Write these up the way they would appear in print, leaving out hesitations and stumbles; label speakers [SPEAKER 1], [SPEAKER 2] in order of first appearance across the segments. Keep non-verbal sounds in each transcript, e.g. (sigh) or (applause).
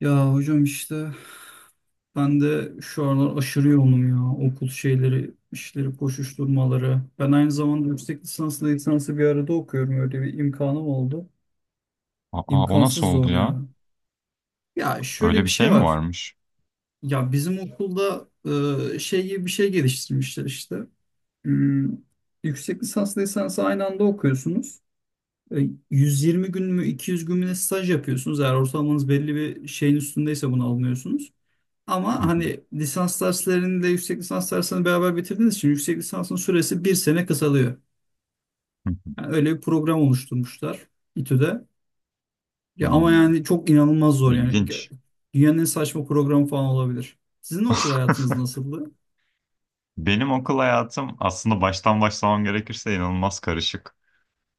[SPEAKER 1] Ya hocam işte ben de şu aralar aşırı yoğunum ya. Okul şeyleri, işleri, koşuşturmaları. Ben aynı zamanda yüksek lisansla lisansı bir arada okuyorum. Öyle bir imkanım oldu.
[SPEAKER 2] Aa, o
[SPEAKER 1] İmkansız
[SPEAKER 2] nasıl oldu
[SPEAKER 1] zor
[SPEAKER 2] ya?
[SPEAKER 1] ya. Ya şöyle
[SPEAKER 2] Öyle
[SPEAKER 1] bir
[SPEAKER 2] bir
[SPEAKER 1] şey
[SPEAKER 2] şey mi
[SPEAKER 1] var.
[SPEAKER 2] varmış?
[SPEAKER 1] Ya bizim okulda şey gibi bir şey geliştirmişler işte. Hmm, yüksek lisansla lisansı aynı anda okuyorsunuz. E, 120 gün mü 200 gün mü ne staj yapıyorsunuz. Eğer ortalamanız belli bir şeyin üstündeyse bunu almıyorsunuz.
[SPEAKER 2] Hı
[SPEAKER 1] Ama
[SPEAKER 2] hı,
[SPEAKER 1] hani lisans dersleriyle yüksek lisans derslerini beraber bitirdiğiniz için yüksek lisansın süresi bir sene kısalıyor.
[SPEAKER 2] hı hı.
[SPEAKER 1] Yani öyle bir program oluşturmuşlar İTÜ'de. Ya ama
[SPEAKER 2] Hmm,
[SPEAKER 1] yani çok inanılmaz zor yani.
[SPEAKER 2] İlginç.
[SPEAKER 1] Dünyanın en saçma programı falan olabilir. Sizin okul hayatınız nasıldı?
[SPEAKER 2] Benim okul hayatım aslında baştan başlamam gerekirse inanılmaz karışık.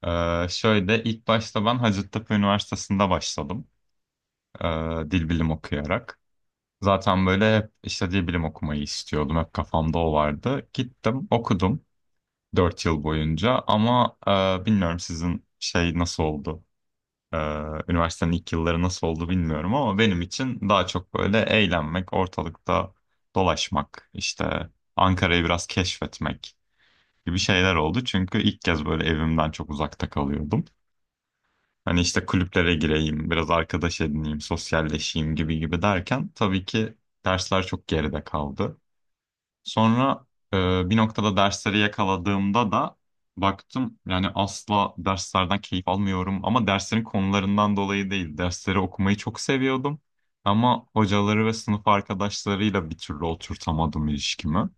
[SPEAKER 2] Şöyle ilk başta ben Hacettepe Üniversitesi'nde başladım. Dil bilim okuyarak. Zaten böyle hep işte dil bilim okumayı istiyordum. Hep kafamda o vardı. Gittim okudum 4 yıl boyunca ama bilmiyorum sizin şey nasıl oldu? Ee, Üniversitenin ilk yılları nasıl oldu bilmiyorum ama benim için daha çok böyle eğlenmek, ortalıkta dolaşmak, işte Ankara'yı biraz keşfetmek gibi şeyler oldu. Çünkü ilk kez böyle evimden çok uzakta kalıyordum. Hani işte kulüplere gireyim, biraz arkadaş edineyim, sosyalleşeyim gibi gibi derken tabii ki dersler çok geride kaldı. Sonra bir noktada dersleri yakaladığımda da baktım yani asla derslerden keyif almıyorum ama derslerin konularından dolayı değil. Dersleri okumayı çok seviyordum ama hocaları ve sınıf arkadaşlarıyla bir türlü oturtamadım ilişkimi.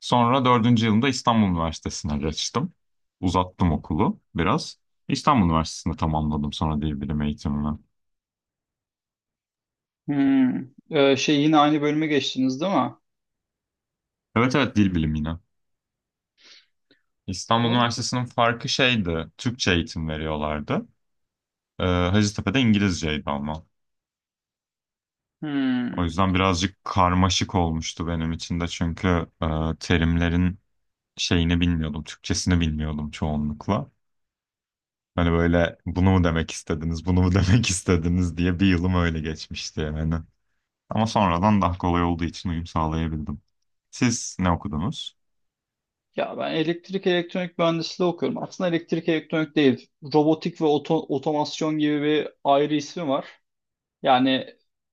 [SPEAKER 2] Sonra dördüncü yılımda İstanbul Üniversitesi'ne geçtim. Uzattım okulu biraz. İstanbul Üniversitesi'nde tamamladım sonra dil bilimi eğitimimi.
[SPEAKER 1] Hmm. Şey yine aynı bölüme geçtiniz değil mi?
[SPEAKER 2] Evet, evet, dil bilimi yine. İstanbul
[SPEAKER 1] Vallahi.
[SPEAKER 2] Üniversitesi'nin farkı şeydi, Türkçe eğitim veriyorlardı. Hacettepe'de İngilizceydi ama. O
[SPEAKER 1] Hmm.
[SPEAKER 2] yüzden birazcık karmaşık olmuştu benim için de çünkü e, terimlerin şeyini bilmiyordum, Türkçesini bilmiyordum çoğunlukla. Hani böyle bunu mu demek istediniz, bunu mu (laughs) demek istediniz diye bir yılım öyle geçmişti yani. Ama sonradan daha kolay olduğu için uyum sağlayabildim. Siz ne okudunuz?
[SPEAKER 1] Ya ben elektrik elektronik mühendisliği okuyorum. Aslında elektrik elektronik değil. Robotik ve otomasyon gibi bir ayrı ismi var. Yani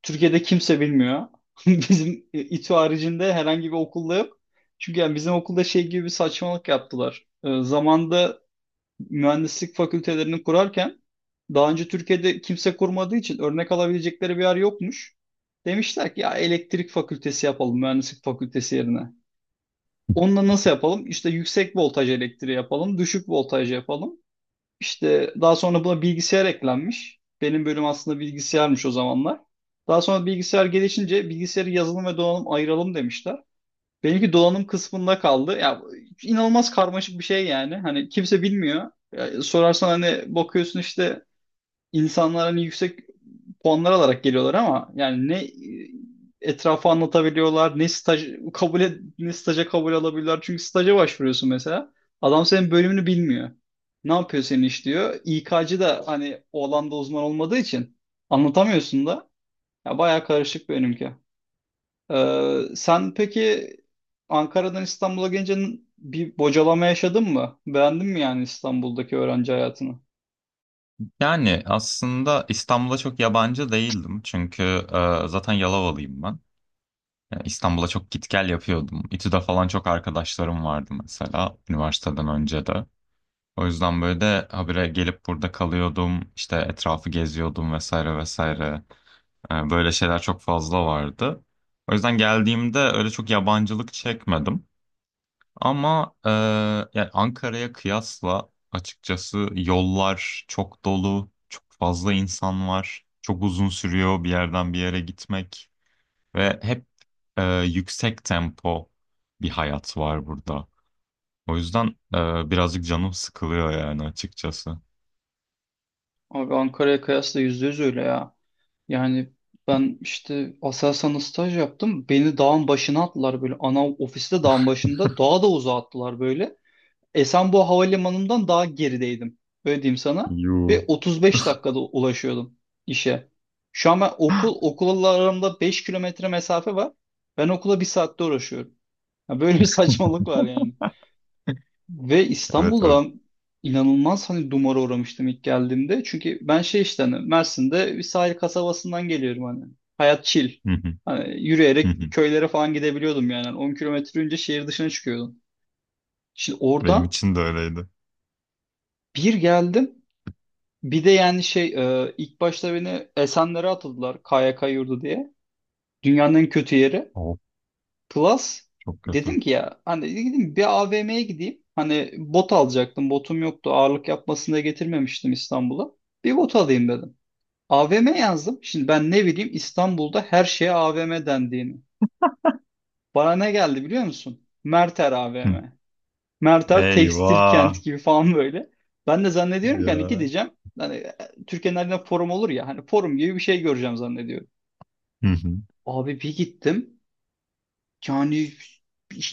[SPEAKER 1] Türkiye'de kimse bilmiyor. (laughs) Bizim İTÜ haricinde herhangi bir okulda yok. Çünkü yani bizim okulda şey gibi bir saçmalık yaptılar. Zamanda mühendislik fakültelerini kurarken daha önce Türkiye'de kimse kurmadığı için örnek alabilecekleri bir yer yokmuş. Demişler ki ya elektrik fakültesi yapalım mühendislik fakültesi yerine. Onunla nasıl yapalım? İşte yüksek voltaj elektriği yapalım, düşük voltaj yapalım. İşte daha sonra buna bilgisayar eklenmiş. Benim bölüm aslında bilgisayarmış o zamanlar. Daha sonra bilgisayar gelişince bilgisayarı yazılım ve donanım ayıralım demişler. Benimki donanım kısmında kaldı. Ya inanılmaz karmaşık bir şey yani. Hani kimse bilmiyor. Ya, sorarsan hani bakıyorsun işte insanlar hani yüksek puanlar alarak geliyorlar ama yani ne etrafı anlatabiliyorlar, ne staj ne staja kabul alabiliyorlar. Çünkü staja başvuruyorsun mesela. Adam senin bölümünü bilmiyor. Ne yapıyor senin iş diyor. İK'cı da hani o alanda uzman olmadığı için anlatamıyorsun da. Ya bayağı karışık benimki. Sen peki Ankara'dan İstanbul'a gelince bir bocalama yaşadın mı? Beğendin mi yani İstanbul'daki öğrenci hayatını?
[SPEAKER 2] Yani aslında İstanbul'a çok yabancı değildim çünkü zaten Yalovalıyım ben. Yani İstanbul'a çok git gel yapıyordum. İTÜ'de falan çok arkadaşlarım vardı mesela üniversiteden önce de. O yüzden böyle de habire gelip burada kalıyordum. İşte etrafı geziyordum vesaire vesaire. Böyle şeyler çok fazla vardı. O yüzden geldiğimde öyle çok yabancılık çekmedim. Ama yani Ankara'ya kıyasla açıkçası yollar çok dolu, çok fazla insan var. Çok uzun sürüyor bir yerden bir yere gitmek. Ve hep yüksek tempo bir hayat var burada. O yüzden birazcık canım sıkılıyor yani açıkçası.
[SPEAKER 1] Abi Ankara'ya kıyasla yüzde yüz öyle ya. Yani ben işte Aselsan'da staj yaptım. Beni dağın başına attılar böyle. Ana ofiste dağın başında. Dağa da uzağa attılar böyle. Esenboğa Havalimanı'ndan daha gerideydim. Öyle diyeyim sana. Ve
[SPEAKER 2] Yuu.
[SPEAKER 1] 35 dakikada ulaşıyordum işe. Şu an ben okul, okulla aramda 5 kilometre mesafe var. Ben okula bir saatte uğraşıyorum. Ya böyle bir (laughs) saçmalık var yani. Ve
[SPEAKER 2] Evet.
[SPEAKER 1] İstanbul'da ben inanılmaz hani dumura uğramıştım ilk geldiğimde. Çünkü ben şey işte hani Mersin'de bir sahil kasabasından geliyorum hani. Hayat chill.
[SPEAKER 2] Hı hı,
[SPEAKER 1] Hani
[SPEAKER 2] hı hı.
[SPEAKER 1] yürüyerek köylere falan gidebiliyordum yani. Hani 10 kilometre önce şehir dışına çıkıyordum. Şimdi
[SPEAKER 2] Benim
[SPEAKER 1] oradan
[SPEAKER 2] için de öyleydi.
[SPEAKER 1] bir geldim. Bir de yani şey ilk başta beni Esenler'e atıldılar KYK yurdu diye. Dünyanın en kötü yeri.
[SPEAKER 2] Of,
[SPEAKER 1] Plus
[SPEAKER 2] çok kötü.
[SPEAKER 1] dedim ki ya hani dedim bir AVM'ye gideyim. Hani bot alacaktım. Botum yoktu. Ağırlık yapmasını da getirmemiştim İstanbul'a. Bir bot alayım dedim. AVM yazdım. Şimdi ben ne bileyim İstanbul'da her şeye AVM dendiğini. Bana ne geldi biliyor musun? Merter
[SPEAKER 2] Hı.
[SPEAKER 1] AVM. Merter tekstil
[SPEAKER 2] Eyvah.
[SPEAKER 1] kent gibi falan böyle. Ben de zannediyorum ki hani
[SPEAKER 2] Ya.
[SPEAKER 1] gideceğim. Hani Türkiye'nin her yerinde forum olur ya. Hani forum gibi bir şey göreceğim zannediyorum.
[SPEAKER 2] Hı hı.
[SPEAKER 1] Abi bir gittim. Yani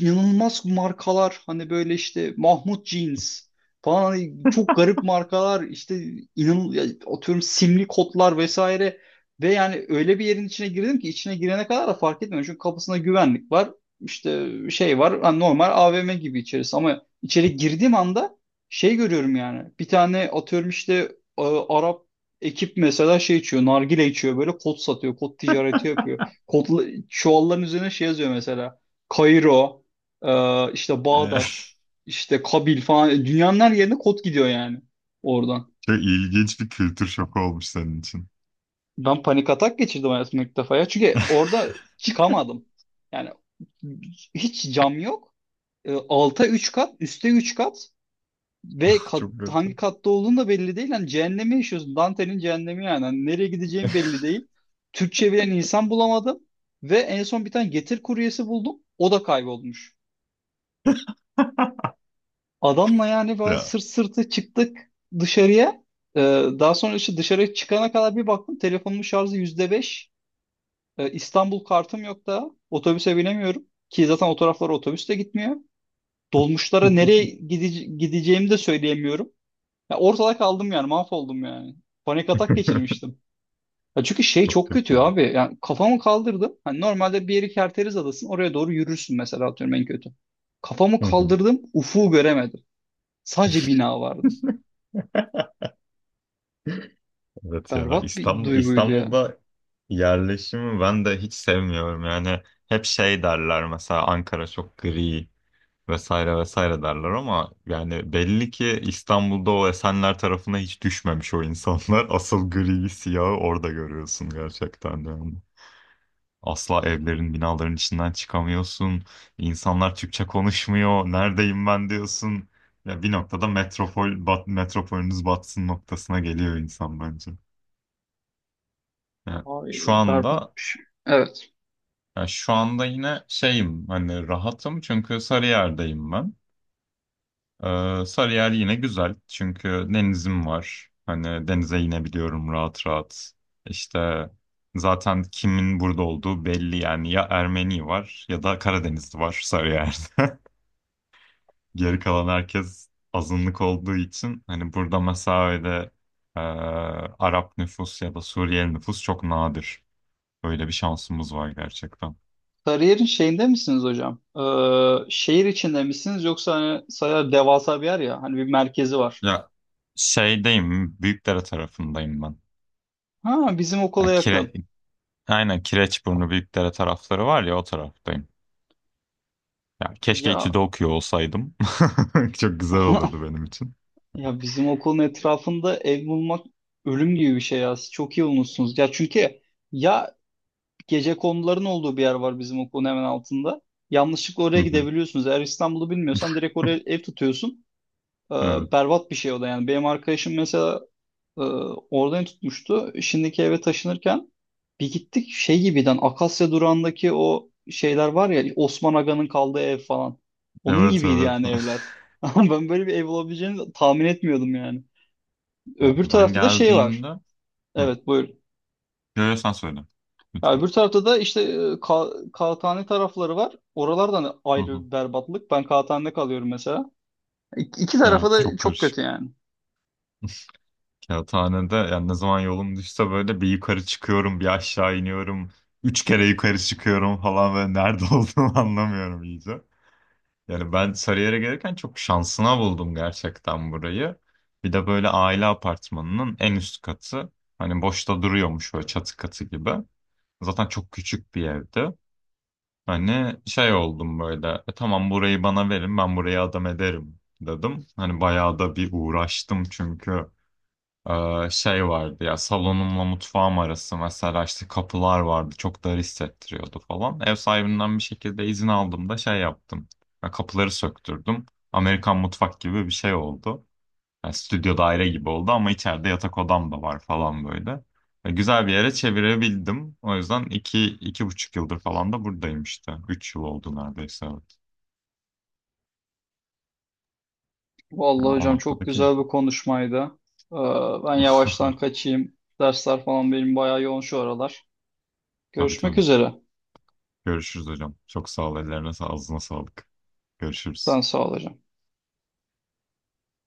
[SPEAKER 1] inanılmaz markalar hani böyle işte Mahmut Jeans falan hani çok garip markalar işte inan ya atıyorum simli kotlar vesaire ve yani öyle bir yerin içine girdim ki içine girene kadar da fark etmiyorum çünkü kapısında güvenlik var işte şey var hani normal AVM gibi içerisi ama içeri girdiğim anda şey görüyorum yani bir tane atıyorum işte e, Arap ekip mesela şey içiyor nargile içiyor böyle kot satıyor kot ticareti yapıyor. Kodla, çuvalların üzerine şey yazıyor mesela. Kairo, işte
[SPEAKER 2] E, (laughs)
[SPEAKER 1] Bağdat, işte Kabil falan. E, Dünyanın her yerine kod gidiyor yani oradan.
[SPEAKER 2] Çok ilginç bir kültür şoku olmuş senin için.
[SPEAKER 1] Ben panik atak geçirdim hayatımda ilk defa ya. Çünkü
[SPEAKER 2] (laughs)
[SPEAKER 1] orada çıkamadım. Yani hiç cam yok. Alta 3 kat, üste 3 kat ve kat,
[SPEAKER 2] Çok
[SPEAKER 1] hangi
[SPEAKER 2] kötü.
[SPEAKER 1] katta olduğun da belli değil. Yani cehennemi yaşıyorsun. Dante'nin cehennemi yani. Hani nereye gideceğim belli değil. Türkçe bilen insan bulamadım. Ve en son bir tane getir kuryesi buldum. O da kaybolmuş. Adamla yani böyle
[SPEAKER 2] Ya.
[SPEAKER 1] sırt sırtı çıktık dışarıya. Ee, daha sonra işte dışarı çıkana kadar bir baktım telefonumun şarjı yüzde beş. İstanbul kartım yok da otobüse binemiyorum. Ki zaten o taraflara otobüs de gitmiyor. Dolmuşlara nereye gideceğimi de söyleyemiyorum. Ya ortada kaldım yani mahvoldum yani. Panik atak
[SPEAKER 2] (laughs)
[SPEAKER 1] geçirmiştim. Ya çünkü şey
[SPEAKER 2] Çok
[SPEAKER 1] çok kötü
[SPEAKER 2] kötü.
[SPEAKER 1] abi. Yani kafamı kaldırdım. Hani normalde bir yeri Kerteriz Adası'nın oraya doğru yürürsün mesela atıyorum en kötü. Kafamı
[SPEAKER 2] Hı hı.
[SPEAKER 1] kaldırdım ufuğu göremedim. Sadece bina vardı.
[SPEAKER 2] (laughs) Evet ya,
[SPEAKER 1] Berbat bir
[SPEAKER 2] İstanbul
[SPEAKER 1] duyguydu ya.
[SPEAKER 2] İstanbul'da yerleşimi ben de hiç sevmiyorum. Yani hep şey derler mesela Ankara çok gri vesaire vesaire derler ama yani belli ki İstanbul'da o Esenler tarafına hiç düşmemiş o insanlar. (laughs) Asıl griyi siyahı orada görüyorsun gerçekten de yani. Asla evlerin binaların içinden çıkamıyorsun. İnsanlar Türkçe konuşmuyor. Neredeyim ben diyorsun. Ya bir noktada metropolünüz batsın noktasına geliyor insan bence. Yani
[SPEAKER 1] Ay,
[SPEAKER 2] şu
[SPEAKER 1] berbat
[SPEAKER 2] anda
[SPEAKER 1] bir şey. Evet.
[SPEAKER 2] yani şu anda yine şeyim hani rahatım çünkü Sarıyer'deyim ben. Sarıyer yine güzel çünkü denizim var. Hani denize inebiliyorum rahat rahat. İşte zaten kimin burada olduğu belli yani ya Ermeni var ya da Karadenizli var Sarıyer'de. (laughs) Geri kalan herkes azınlık olduğu için hani burada mesela öyle e, Arap nüfus ya da Suriyeli nüfus çok nadir. Böyle bir şansımız var gerçekten.
[SPEAKER 1] Sarıyer'in şeyinde misiniz hocam? Şehir içinde misiniz yoksa hani Sarıyer devasa bir yer ya hani bir merkezi var.
[SPEAKER 2] Ya şeydeyim, Büyükdere tarafındayım ben.
[SPEAKER 1] Ha bizim okula
[SPEAKER 2] Ya
[SPEAKER 1] yakın.
[SPEAKER 2] aynen Kireçburnu Büyükdere tarafları var ya o taraftayım. Ya keşke
[SPEAKER 1] Ya
[SPEAKER 2] İTÜ'de okuyor olsaydım. (laughs) Çok güzel olurdu
[SPEAKER 1] (laughs)
[SPEAKER 2] benim için.
[SPEAKER 1] ya bizim okulun etrafında ev bulmak ölüm gibi bir şey ya. Siz çok iyi bulmuşsunuz. Ya çünkü ya gece konuların olduğu bir yer var bizim okulun hemen altında. Yanlışlıkla
[SPEAKER 2] Hı
[SPEAKER 1] oraya
[SPEAKER 2] hı.
[SPEAKER 1] gidebiliyorsunuz. Eğer İstanbul'u bilmiyorsan direkt oraya ev tutuyorsun. Ee,
[SPEAKER 2] Evet,
[SPEAKER 1] berbat bir şey o da yani. Benim arkadaşım mesela Ee, oradan tutmuştu. Şimdiki eve taşınırken bir gittik şey gibiden Akasya durağındaki o şeyler var ya Osman Aga'nın kaldığı ev falan. Onun
[SPEAKER 2] evet,
[SPEAKER 1] gibiydi
[SPEAKER 2] evet.
[SPEAKER 1] yani evler.
[SPEAKER 2] (laughs)
[SPEAKER 1] (laughs) Ama ben böyle bir ev olabileceğini tahmin etmiyordum yani.
[SPEAKER 2] Ya
[SPEAKER 1] Öbür
[SPEAKER 2] ben
[SPEAKER 1] tarafta da şey var.
[SPEAKER 2] geldiğimde, hı,
[SPEAKER 1] Evet buyur.
[SPEAKER 2] görüyorsan söyle
[SPEAKER 1] Ya
[SPEAKER 2] lütfen.
[SPEAKER 1] öbür tarafta da işte e, ka kağıthane tarafları var. Oralardan
[SPEAKER 2] Hı hı.
[SPEAKER 1] ayrı bir berbatlık. Ben kağıthanede kalıyorum mesela. İki tarafa
[SPEAKER 2] Evet,
[SPEAKER 1] da
[SPEAKER 2] çok
[SPEAKER 1] çok
[SPEAKER 2] karışık.
[SPEAKER 1] kötü yani.
[SPEAKER 2] Kağıthanede yani ne zaman yolum düşse böyle bir yukarı çıkıyorum, bir aşağı iniyorum. Üç kere yukarı çıkıyorum falan ve nerede (laughs) olduğumu anlamıyorum iyice. Yani ben Sarıyer'e gelirken çok şansına buldum gerçekten burayı. Bir de böyle aile apartmanının en üst katı. Hani boşta duruyormuş böyle çatı katı gibi. Zaten çok küçük bir evdi. Hani şey oldum böyle. "E tamam, burayı bana verin ben burayı adam ederim" dedim. Hani bayağı da bir uğraştım çünkü. Şey vardı ya, salonumla mutfağım arası mesela işte kapılar vardı, çok dar hissettiriyordu falan. Ev sahibinden bir şekilde izin aldım da şey yaptım. Ya kapıları söktürdüm. Amerikan mutfak gibi bir şey oldu. Ya stüdyo daire gibi oldu ama içeride yatak odam da var falan böyle. Ya güzel bir yere çevirebildim. O yüzden 2, 2,5 yıldır falan da buradayım işte. 3 yıl oldu neredeyse, evet. Ya
[SPEAKER 1] Vallahi
[SPEAKER 2] o
[SPEAKER 1] hocam çok
[SPEAKER 2] noktada
[SPEAKER 1] güzel bir
[SPEAKER 2] keyifli.
[SPEAKER 1] konuşmaydı. Ee, ben
[SPEAKER 2] (laughs)
[SPEAKER 1] yavaştan kaçayım. Dersler falan benim bayağı yoğun şu aralar.
[SPEAKER 2] Tabii
[SPEAKER 1] Görüşmek
[SPEAKER 2] tabii.
[SPEAKER 1] üzere.
[SPEAKER 2] Görüşürüz hocam. Çok sağ ol. Ellerine sağ, ağzına sağlık.
[SPEAKER 1] Sen
[SPEAKER 2] Görüşürüz.
[SPEAKER 1] sağ ol hocam.